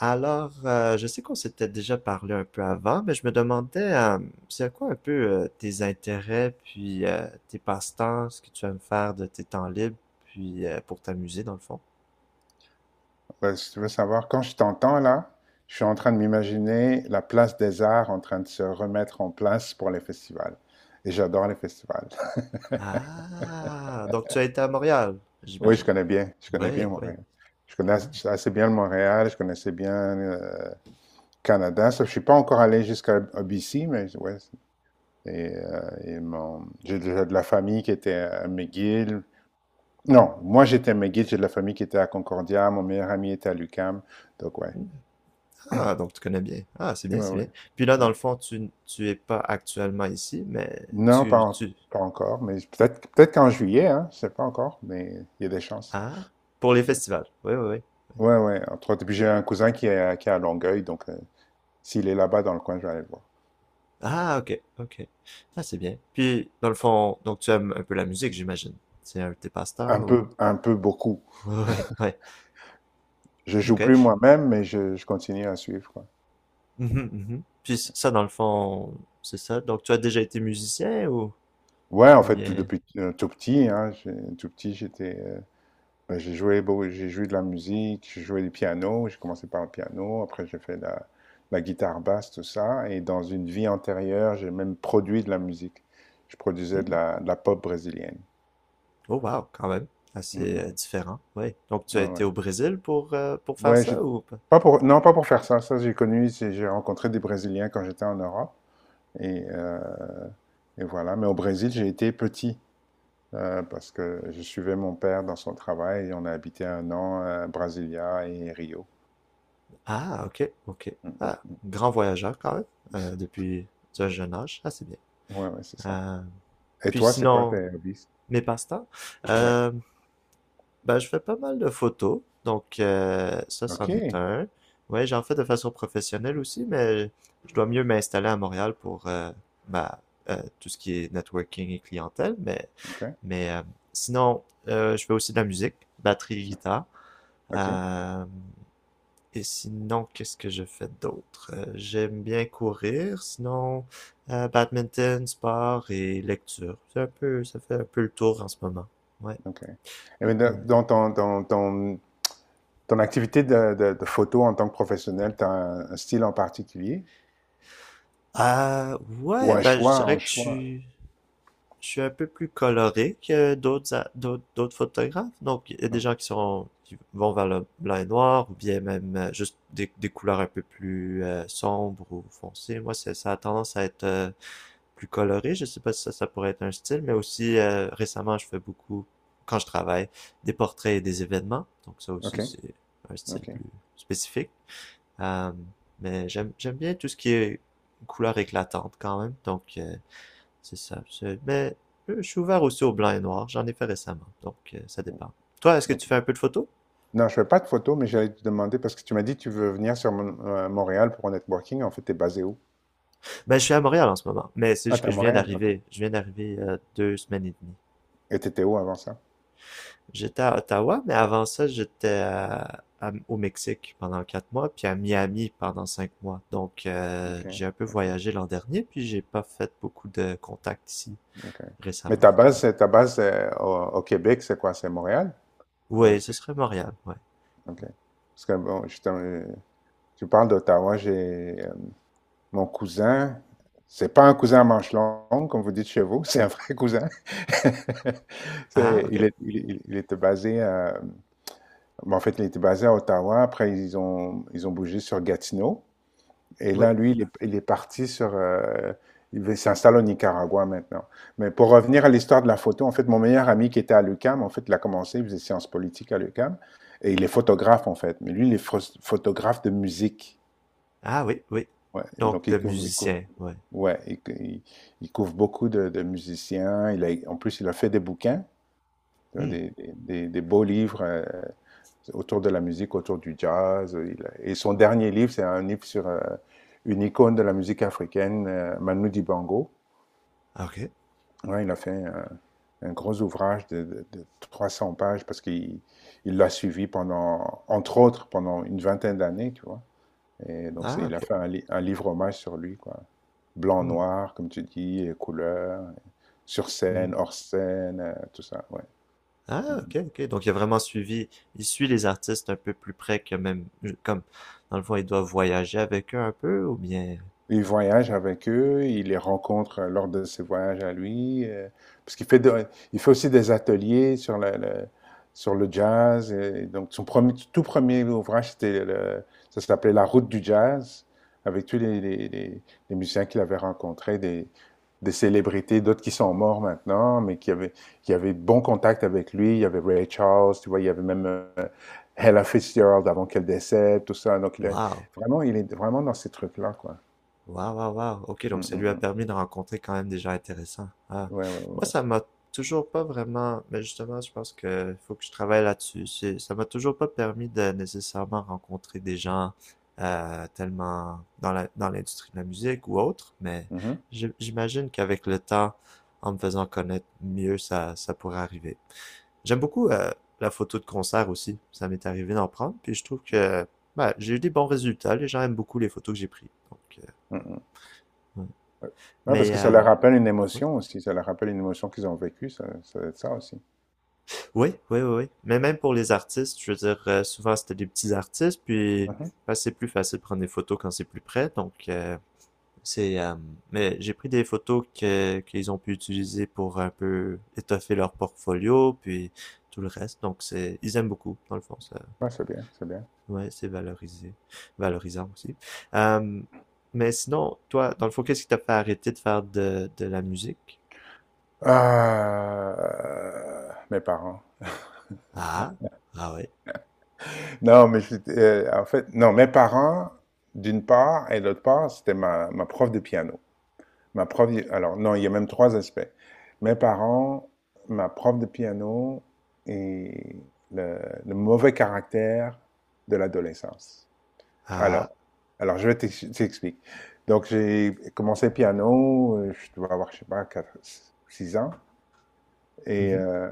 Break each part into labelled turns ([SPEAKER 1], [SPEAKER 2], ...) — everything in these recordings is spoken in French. [SPEAKER 1] Je sais qu'on s'était déjà parlé un peu avant, mais je me demandais, c'est quoi un peu tes intérêts, puis tes passe-temps, ce que tu aimes faire de tes temps libres, puis pour t'amuser dans le fond.
[SPEAKER 2] Ouais, si veux savoir, quand je t'entends là, je suis en train de m'imaginer la place des arts en train de se remettre en place pour les festivals. Et j'adore les festivals.
[SPEAKER 1] Ah, donc tu as été à Montréal,
[SPEAKER 2] Oui,
[SPEAKER 1] j'imagine.
[SPEAKER 2] je connais bien
[SPEAKER 1] Oui, oui.
[SPEAKER 2] Montréal. Je connais
[SPEAKER 1] Ah,
[SPEAKER 2] assez bien le Montréal, je connaissais bien euh, Canada. Sauf que je suis pas encore allé jusqu'à BC, mais ouais. Et j'ai déjà de la famille qui était à McGill. Non, moi j'étais à McGill, j'ai de la famille qui était à Concordia, mon meilleur ami était à l'UQAM. Donc ouais,
[SPEAKER 1] Ah, donc tu connais bien. Ah, c'est
[SPEAKER 2] ouais,
[SPEAKER 1] bien, c'est
[SPEAKER 2] ouais.
[SPEAKER 1] bien. Puis là, dans le
[SPEAKER 2] Ouais.
[SPEAKER 1] fond, tu es pas actuellement ici, mais
[SPEAKER 2] Non, pas,
[SPEAKER 1] tu, tu...
[SPEAKER 2] pas encore, mais peut-être qu'en juillet, hein, je sais pas encore, mais il y a des chances.
[SPEAKER 1] Ah, pour les festivals. Oui, oui, oui.
[SPEAKER 2] Ouais, ouais, entre autres. Et puis j'ai un cousin qui est à Longueuil, donc s'il est là-bas dans le coin, je vais aller le voir.
[SPEAKER 1] Ah, ok, ok. Ah, c'est bien. Puis, dans le fond, donc tu aimes un peu la musique, j'imagine. C'est un de tes passe-temps ou...
[SPEAKER 2] Un peu beaucoup.
[SPEAKER 1] Ouais, ouais.
[SPEAKER 2] Je joue plus
[SPEAKER 1] Ok.
[SPEAKER 2] moi-même, mais je continue à suivre, quoi.
[SPEAKER 1] Mhm, mhm. Puis ça, dans le fond, c'est ça. Donc, tu as déjà été musicien
[SPEAKER 2] Ouais, en
[SPEAKER 1] ou
[SPEAKER 2] fait,
[SPEAKER 1] bien...
[SPEAKER 2] depuis tout petit, hein, tout petit, j'étais. Ben, j'ai joué, j'ai joué de la musique, j'ai joué du piano, j'ai commencé par le piano, après j'ai fait la guitare basse, tout ça, et dans une vie antérieure, j'ai même produit de la musique. Je produisais de
[SPEAKER 1] Hmm.
[SPEAKER 2] la, de la pop brésilienne.
[SPEAKER 1] Oh, wow, quand même.
[SPEAKER 2] Mm,
[SPEAKER 1] Assez
[SPEAKER 2] mm.
[SPEAKER 1] différent, ouais. Donc, tu as
[SPEAKER 2] Ouais,
[SPEAKER 1] été
[SPEAKER 2] ouais.
[SPEAKER 1] au Brésil pour faire
[SPEAKER 2] Ouais,
[SPEAKER 1] ça ou pas?
[SPEAKER 2] pas pour, non, pas pour faire ça. Ça, j'ai connu, j'ai rencontré des Brésiliens quand j'étais en Europe, et, euh, et voilà. Mais au Brésil, j'ai été petit, parce que je suivais mon père dans son travail, et on a habité un an à Brasilia et Rio.
[SPEAKER 1] Ah, ok, ok.
[SPEAKER 2] Mm,
[SPEAKER 1] Ah,
[SPEAKER 2] mm.
[SPEAKER 1] grand voyageur quand même, depuis un jeune âge. Ah, c'est bien.
[SPEAKER 2] Ouais, ouais, c'est ça.
[SPEAKER 1] Euh,
[SPEAKER 2] Et
[SPEAKER 1] puis
[SPEAKER 2] toi, c'est quoi tes
[SPEAKER 1] sinon,
[SPEAKER 2] hobbies?
[SPEAKER 1] mes passe-temps.
[SPEAKER 2] Ouais.
[SPEAKER 1] Euh, Ben, je fais pas mal de photos, donc ça, c'en est
[SPEAKER 2] OK.
[SPEAKER 1] un. Ouais, j'en fais de façon professionnelle aussi, mais je dois mieux m'installer à Montréal pour ma, tout ce qui est networking et clientèle. Mais,
[SPEAKER 2] OK.
[SPEAKER 1] mais sinon, je fais aussi de la musique, batterie, guitare.
[SPEAKER 2] OK.
[SPEAKER 1] Euh, et sinon, qu'est-ce que je fais d'autre? J'aime bien courir, sinon badminton, sport et lecture. C'est un peu, ça fait un peu le tour en ce moment. Ouais,
[SPEAKER 2] OK. Et bien,
[SPEAKER 1] ouais.
[SPEAKER 2] ton activité de photo en tant que professionnel, tu as un style en particulier?
[SPEAKER 1] Ah
[SPEAKER 2] Ou
[SPEAKER 1] ouais,
[SPEAKER 2] un, non,
[SPEAKER 1] ben je dirais
[SPEAKER 2] un
[SPEAKER 1] que
[SPEAKER 2] choix?
[SPEAKER 1] je suis un peu plus coloré que d'autres a- d'autres d'autres photographes. Donc il y a des
[SPEAKER 2] Non.
[SPEAKER 1] gens qui sont qui vont vers le blanc et noir ou bien même juste des couleurs un peu plus sombres ou foncées. Moi c'est ça a tendance à être plus coloré. Je sais pas si ça pourrait être un style, mais aussi récemment je fais beaucoup quand je travaille des portraits et des événements. Donc ça aussi
[SPEAKER 2] OK.
[SPEAKER 1] c'est un style
[SPEAKER 2] OK.
[SPEAKER 1] plus spécifique. Euh, mais j'aime bien tout ce qui est couleur éclatante quand même. Donc, c'est ça. Mais je suis ouvert aussi au blanc et noir. J'en ai fait récemment. Donc, ça dépend. Toi, est-ce que tu
[SPEAKER 2] OK.
[SPEAKER 1] fais un peu de photo?
[SPEAKER 2] Non, je fais pas de photo, mais j'allais te demander parce que tu m'as dit que tu veux venir sur Montréal pour un networking. En fait, tu es basé où?
[SPEAKER 1] Ben, je suis à Montréal en ce moment. Mais c'est
[SPEAKER 2] Ah,
[SPEAKER 1] juste
[SPEAKER 2] t'es
[SPEAKER 1] que
[SPEAKER 2] à
[SPEAKER 1] je viens
[SPEAKER 2] Montréal. OK.
[SPEAKER 1] d'arriver. Je viens d'arriver deux semaines et demie.
[SPEAKER 2] Et t'étais où avant ça?
[SPEAKER 1] J'étais à Ottawa, mais avant ça, j'étais au Mexique pendant quatre mois, puis à Miami pendant cinq mois. Donc,
[SPEAKER 2] OK.
[SPEAKER 1] j'ai un peu
[SPEAKER 2] OK.
[SPEAKER 1] voyagé l'an dernier, puis j'ai pas fait beaucoup de contacts ici
[SPEAKER 2] OK. Mais
[SPEAKER 1] récemment.
[SPEAKER 2] ta
[SPEAKER 1] Ouais.
[SPEAKER 2] base, ta base c'est au Québec, c'est quoi? C'est Montréal?
[SPEAKER 1] Ouais, ce serait Montréal, ouais.
[SPEAKER 2] OK. Parce que bon, justement, tu parles d'Ottawa, j'ai mon cousin, c'est pas un cousin à manche longue, comme vous dites chez vous, c'est un vrai cousin.
[SPEAKER 1] Ah,
[SPEAKER 2] C'est- il,
[SPEAKER 1] ok.
[SPEAKER 2] est- il était basé à, bon, en fait, il était basé à Ottawa, après ils ont bougé sur Gatineau. Et
[SPEAKER 1] Oui.
[SPEAKER 2] là, lui, il est parti sur, il s'installe au Nicaragua maintenant. Mais pour revenir à l'histoire de la photo, en fait, mon meilleur ami qui était à l'UQAM, en fait, il a commencé, il faisait sciences politiques à l'UQAM, et il est photographe, en fait. Mais lui, il est photographe de musique.
[SPEAKER 1] Ah, oui, oui.
[SPEAKER 2] Ouais. Et
[SPEAKER 1] Donc,
[SPEAKER 2] donc,
[SPEAKER 1] de musicien, ouais.
[SPEAKER 2] ouais, il couvre beaucoup de musiciens. Il a, en plus, il a fait des bouquins, tu vois,
[SPEAKER 1] Hmm.
[SPEAKER 2] des beaux livres, autour de la musique, autour du jazz. Et son dernier livre, c'est un livre sur une icône de la musique africaine, Manu Dibango.
[SPEAKER 1] Ah, ok.
[SPEAKER 2] Ouais, il a fait un gros ouvrage de 300 pages parce qu'il il l'a suivi pendant, entre autres, pendant une vingtaine d'années, tu vois. Et donc,
[SPEAKER 1] Ah,
[SPEAKER 2] il a
[SPEAKER 1] ok.
[SPEAKER 2] fait un livre hommage sur lui, quoi. Blanc,
[SPEAKER 1] Hmm.
[SPEAKER 2] noir, comme tu dis, et couleurs, sur
[SPEAKER 1] Mhm.
[SPEAKER 2] scène, hors scène, tout ça, ouais. Mm.
[SPEAKER 1] Ah, ok, ok. Donc, il a vraiment suivi, il suit les artistes un peu plus près que même, comme, dans le fond, il doit voyager avec eux un peu, ou bien,
[SPEAKER 2] Il voyage avec eux, il les rencontre lors de ses voyages à lui, parce qu'il fait, il fait aussi des ateliers sur sur le jazz. Et donc, son premier, tout premier ouvrage, c'était ça s'appelait La route du jazz, avec tous les musiciens qu'il avait rencontrés, des célébrités, d'autres qui sont morts maintenant, mais qui avaient de bons contacts avec lui. Il y avait Ray Charles, tu vois, il y avait même Ella Fitzgerald avant qu'elle décède, tout ça. Donc,
[SPEAKER 1] Wow.
[SPEAKER 2] vraiment, il est vraiment dans ces trucs-là, quoi.
[SPEAKER 1] Waouh, waouh, waouh. Ok, donc
[SPEAKER 2] Mmh,
[SPEAKER 1] ça
[SPEAKER 2] mmh,
[SPEAKER 1] lui a
[SPEAKER 2] mmh.
[SPEAKER 1] permis de rencontrer quand même des gens intéressants. Ah.
[SPEAKER 2] Ouais, ouais,
[SPEAKER 1] Moi,
[SPEAKER 2] ouais, ouais.
[SPEAKER 1] ça m'a toujours pas vraiment, mais justement, je pense que faut que je travaille là-dessus. C'est- Ça m'a toujours pas permis de nécessairement rencontrer des gens tellement dans la, dans l'industrie de la musique ou autre, mais
[SPEAKER 2] Mmh, mh.
[SPEAKER 1] j'imagine qu'avec le temps, en me faisant connaître mieux, ça pourrait arriver. J'aime beaucoup la photo de concert aussi. Ça m'est arrivé d'en prendre, puis je trouve que bah, j'ai eu des bons résultats. Les gens aiment beaucoup les photos que j'ai prises. Donc,
[SPEAKER 2] Mmh.
[SPEAKER 1] ouais.
[SPEAKER 2] Ouais. Ouais, parce
[SPEAKER 1] Mais
[SPEAKER 2] que ça
[SPEAKER 1] euh,
[SPEAKER 2] leur rappelle une
[SPEAKER 1] ouais,
[SPEAKER 2] émotion aussi, ça leur rappelle une émotion qu'ils ont vécue, ça doit être ça aussi.
[SPEAKER 1] ouais, ouais, ouais, ouais. Mais même pour les artistes, je veux dire, souvent c'était des petits artistes, puis
[SPEAKER 2] Mmh.
[SPEAKER 1] bah, c'est plus facile de prendre des photos quand c'est plus près. Donc c'est, euh, mais j'ai pris des photos que qu'ils ont pu utiliser pour un peu étoffer leur portfolio, puis tout le reste. Donc c'est, ils aiment beaucoup dans le fond. Ça,
[SPEAKER 2] Ouais, c'est bien, c'est bien.
[SPEAKER 1] ouais, c'est valorisé, valorisant aussi. Euh, mais sinon, toi, dans le fond, qu'est-ce qui t'a fait arrêter de faire de la musique?
[SPEAKER 2] Mes parents.
[SPEAKER 1] Ah, ah ouais,
[SPEAKER 2] Non, mais je en fait, non, mes parents, d'une part et d'autre part, c'était ma prof de piano. Ma prof Alors non, il y a même 3 aspects. Mes parents, ma prof de piano et le le mauvais caractère de l'adolescence.
[SPEAKER 1] ah.
[SPEAKER 2] Alors, alors, je vais t'explique. Donc, j'ai commencé piano, je dois avoir, je sais pas, 4, 6 ans. Et
[SPEAKER 1] Mhm.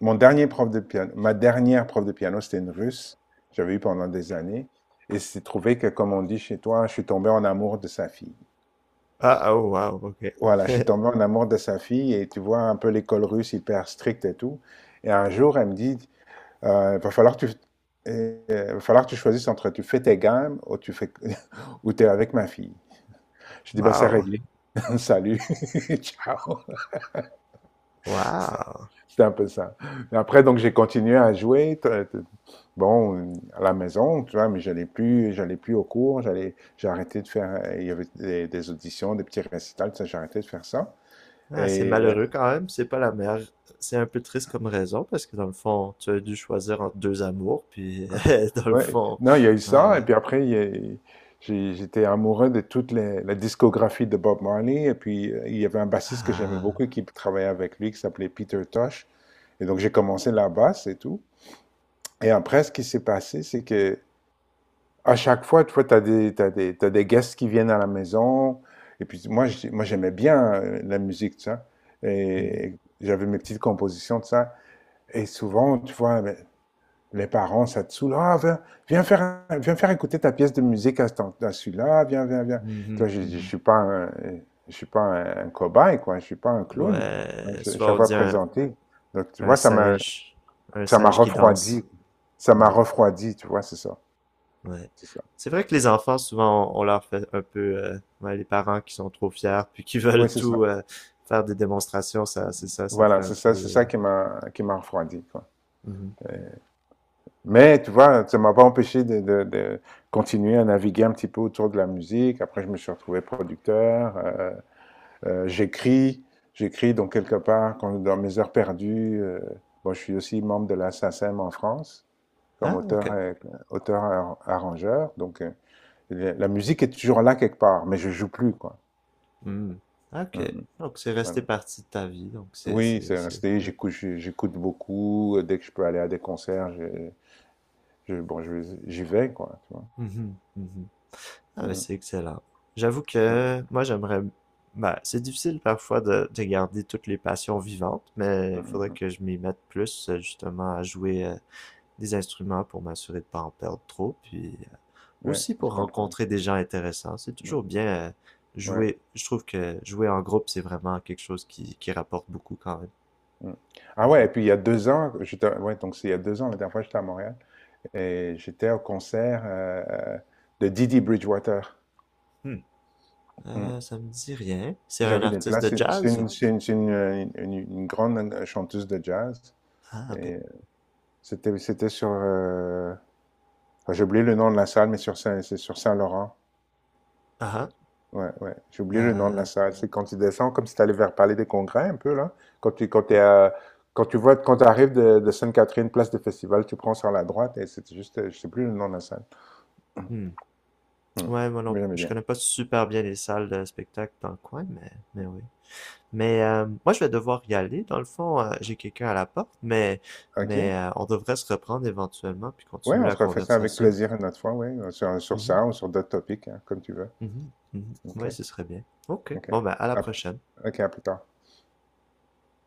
[SPEAKER 2] mon dernier prof de piano, ma dernière prof de piano, c'était une russe. J'avais eu pendant des années. Et c'est trouvé que, comme on dit chez toi, je suis tombé en amour de sa fille.
[SPEAKER 1] Ah, oh, wow, ok.
[SPEAKER 2] Voilà, je suis tombé en amour de sa fille et tu vois un peu l'école russe hyper stricte et tout. Et un jour, elle me dit, euh, va falloir que tu, va falloir que tu choisisses entre tu fais tes gammes ou tu fais, ou t'es avec ma fille. Je dis, bah, c'est
[SPEAKER 1] Wow,
[SPEAKER 2] réglé. Salut. Ciao. Ça-
[SPEAKER 1] wow.
[SPEAKER 2] C'était un peu ça. Mais après, donc, j'ai continué à jouer. Bon, à la maison, tu vois, mais j'allais plus au cours. J'ai arrêté de faire, il y avait des auditions, des petits récitals, tout ça, j'ai arrêté de faire ça.
[SPEAKER 1] Ah, c'est
[SPEAKER 2] Et,
[SPEAKER 1] malheureux quand même, c'est pas la meilleure. C'est un peu triste comme raison, parce que dans le fond, tu as dû choisir entre deux amours, puis dans le
[SPEAKER 2] ouais,
[SPEAKER 1] fond.
[SPEAKER 2] non, il y a eu
[SPEAKER 1] Ah
[SPEAKER 2] ça. Et
[SPEAKER 1] ouais.
[SPEAKER 2] puis après, il y a- j'ai- j'étais amoureux de toute la discographie de Bob Marley. Et puis, il y avait un bassiste que j'aimais
[SPEAKER 1] Ah.
[SPEAKER 2] beaucoup qui travaillait avec lui, qui s'appelait Peter Tosh. Et donc, j'ai commencé la basse et tout. Et après, ce qui s'est passé, c'est que à chaque fois, tu vois, t'as des guests qui viennent à la maison. Et puis moi, moi j'aimais bien la musique, tu vois. Et,
[SPEAKER 1] Mhm,
[SPEAKER 2] et j'avais mes petites compositions, de ça. Et souvent, tu vois, ben, les parents, ça te saoule. Ah, viens faire, viens faire écouter ta pièce de musique à celui-là. Viens, viens, viens. Tu
[SPEAKER 1] mhm,
[SPEAKER 2] vois, je
[SPEAKER 1] mhm.
[SPEAKER 2] suis pas un cobaye, quoi. Je suis pas un clown. Hein,
[SPEAKER 1] Ouais,
[SPEAKER 2] Chaque
[SPEAKER 1] souvent on
[SPEAKER 2] fois
[SPEAKER 1] dit
[SPEAKER 2] présenté. Donc, tu
[SPEAKER 1] un
[SPEAKER 2] vois, ça m'a,
[SPEAKER 1] singe, un
[SPEAKER 2] ça m'a
[SPEAKER 1] singe qui danse.
[SPEAKER 2] refroidi. Ça m'a
[SPEAKER 1] Ouais,
[SPEAKER 2] refroidi, tu vois, c'est ça.
[SPEAKER 1] ouais.
[SPEAKER 2] C'est ça.
[SPEAKER 1] C'est vrai que les enfants, souvent, on leur fait un peu, ouais, les parents qui sont trop fiers, puis qui veulent
[SPEAKER 2] Oui, c'est ça.
[SPEAKER 1] tout faire des démonstrations, ça, c'est ça, ça
[SPEAKER 2] Voilà,
[SPEAKER 1] fait un peu.
[SPEAKER 2] c'est ça qui m'a refroidi, quoi.
[SPEAKER 1] Mhm.
[SPEAKER 2] Mais tu vois, ça m'a pas empêché de continuer à naviguer un petit peu autour de la musique. Après, je me suis retrouvé producteur. J'écris, donc quelque part quand, dans mes heures perdues. Bon, je suis aussi membre de la SACEM en France comme
[SPEAKER 1] Ah, ok.
[SPEAKER 2] auteur arrangeur. Donc la musique est toujours là quelque part, mais je joue plus quoi.
[SPEAKER 1] Hmm. Ok.
[SPEAKER 2] Mm, mm,
[SPEAKER 1] Donc, c'est
[SPEAKER 2] voilà.
[SPEAKER 1] resté partie de ta vie. Donc,
[SPEAKER 2] Oui, c'est
[SPEAKER 1] c'est,
[SPEAKER 2] resté.
[SPEAKER 1] ouais.
[SPEAKER 2] J'écoute, j'écoute beaucoup. Dès que je peux aller à des concerts, bon, j'y vais, quoi, tu vois.
[SPEAKER 1] Mhm, mhm. Ah, mais
[SPEAKER 2] Mm,
[SPEAKER 1] c'est excellent. J'avoue
[SPEAKER 2] mm,
[SPEAKER 1] que moi, j'aimerais, ben, c'est difficile parfois de garder toutes les passions vivantes, mais
[SPEAKER 2] mm,
[SPEAKER 1] il
[SPEAKER 2] mm,
[SPEAKER 1] faudrait
[SPEAKER 2] mm.
[SPEAKER 1] que je m'y mette plus, justement, à jouer des instruments pour m'assurer de pas en perdre trop, puis
[SPEAKER 2] Ouais,
[SPEAKER 1] aussi
[SPEAKER 2] je
[SPEAKER 1] pour
[SPEAKER 2] comprends.
[SPEAKER 1] rencontrer des gens intéressants. C'est
[SPEAKER 2] Mm.
[SPEAKER 1] toujours bien
[SPEAKER 2] Ouais.
[SPEAKER 1] jouer. Je trouve que jouer en groupe, c'est vraiment quelque chose qui rapporte beaucoup quand même.
[SPEAKER 2] Mm. Ah ouais,
[SPEAKER 1] Mhm.
[SPEAKER 2] et puis il y a 2 ans, j'étais, ouais, donc c'est il y a 2 ans, la dernière fois, j'étais à Montréal et j'étais au concert de Didi Bridgewater.
[SPEAKER 1] Hmm.
[SPEAKER 2] Mm.
[SPEAKER 1] Ça me dit rien. C'est un
[SPEAKER 2] J'avais des
[SPEAKER 1] artiste
[SPEAKER 2] places.
[SPEAKER 1] de
[SPEAKER 2] C'est c'est
[SPEAKER 1] jazz ou?
[SPEAKER 2] une, c'est une, c'est une, une grande chanteuse de jazz.
[SPEAKER 1] Ah, ok.
[SPEAKER 2] Et c'était sur. Enfin, j'ai oublié le nom de la salle, mais c'est sur Saint-Laurent.
[SPEAKER 1] Ah,
[SPEAKER 2] Ouais, ouais. J'ai
[SPEAKER 1] ah,
[SPEAKER 2] oublié le nom de la salle. C'est quand tu descends, comme si tu allais vers Palais des Congrès un peu, là. Quand tu, quand t'es
[SPEAKER 1] oh,
[SPEAKER 2] à- quand tu vois, Quand tu arrives de Sainte-Catherine, place de festival, tu prends sur la droite et c'est juste, je sais plus le nom de la salle.
[SPEAKER 1] hmm.
[SPEAKER 2] Hmm.
[SPEAKER 1] Ouais, moi non,
[SPEAKER 2] Mais j'aimais
[SPEAKER 1] je
[SPEAKER 2] bien.
[SPEAKER 1] connais pas super bien les salles de spectacle dans le coin, mais
[SPEAKER 2] Hmm.
[SPEAKER 1] oui. Mais moi, je vais devoir y aller. Dans le fond, j'ai quelqu'un à la porte, mais,
[SPEAKER 2] OK?
[SPEAKER 1] mais on devrait se reprendre éventuellement puis
[SPEAKER 2] Ouais,
[SPEAKER 1] continuer
[SPEAKER 2] on
[SPEAKER 1] la
[SPEAKER 2] se refait ça avec
[SPEAKER 1] conversation.
[SPEAKER 2] plaisir une autre fois, ouais. Sur
[SPEAKER 1] Mhm,
[SPEAKER 2] ça ou sur d'autres topics, hein, comme tu veux.
[SPEAKER 1] mhm, mhm.
[SPEAKER 2] OK,
[SPEAKER 1] Ouais, ce serait bien. Ok.
[SPEAKER 2] OK.
[SPEAKER 1] Bon, ben, à la
[SPEAKER 2] À-
[SPEAKER 1] prochaine.
[SPEAKER 2] OK, à plus tard.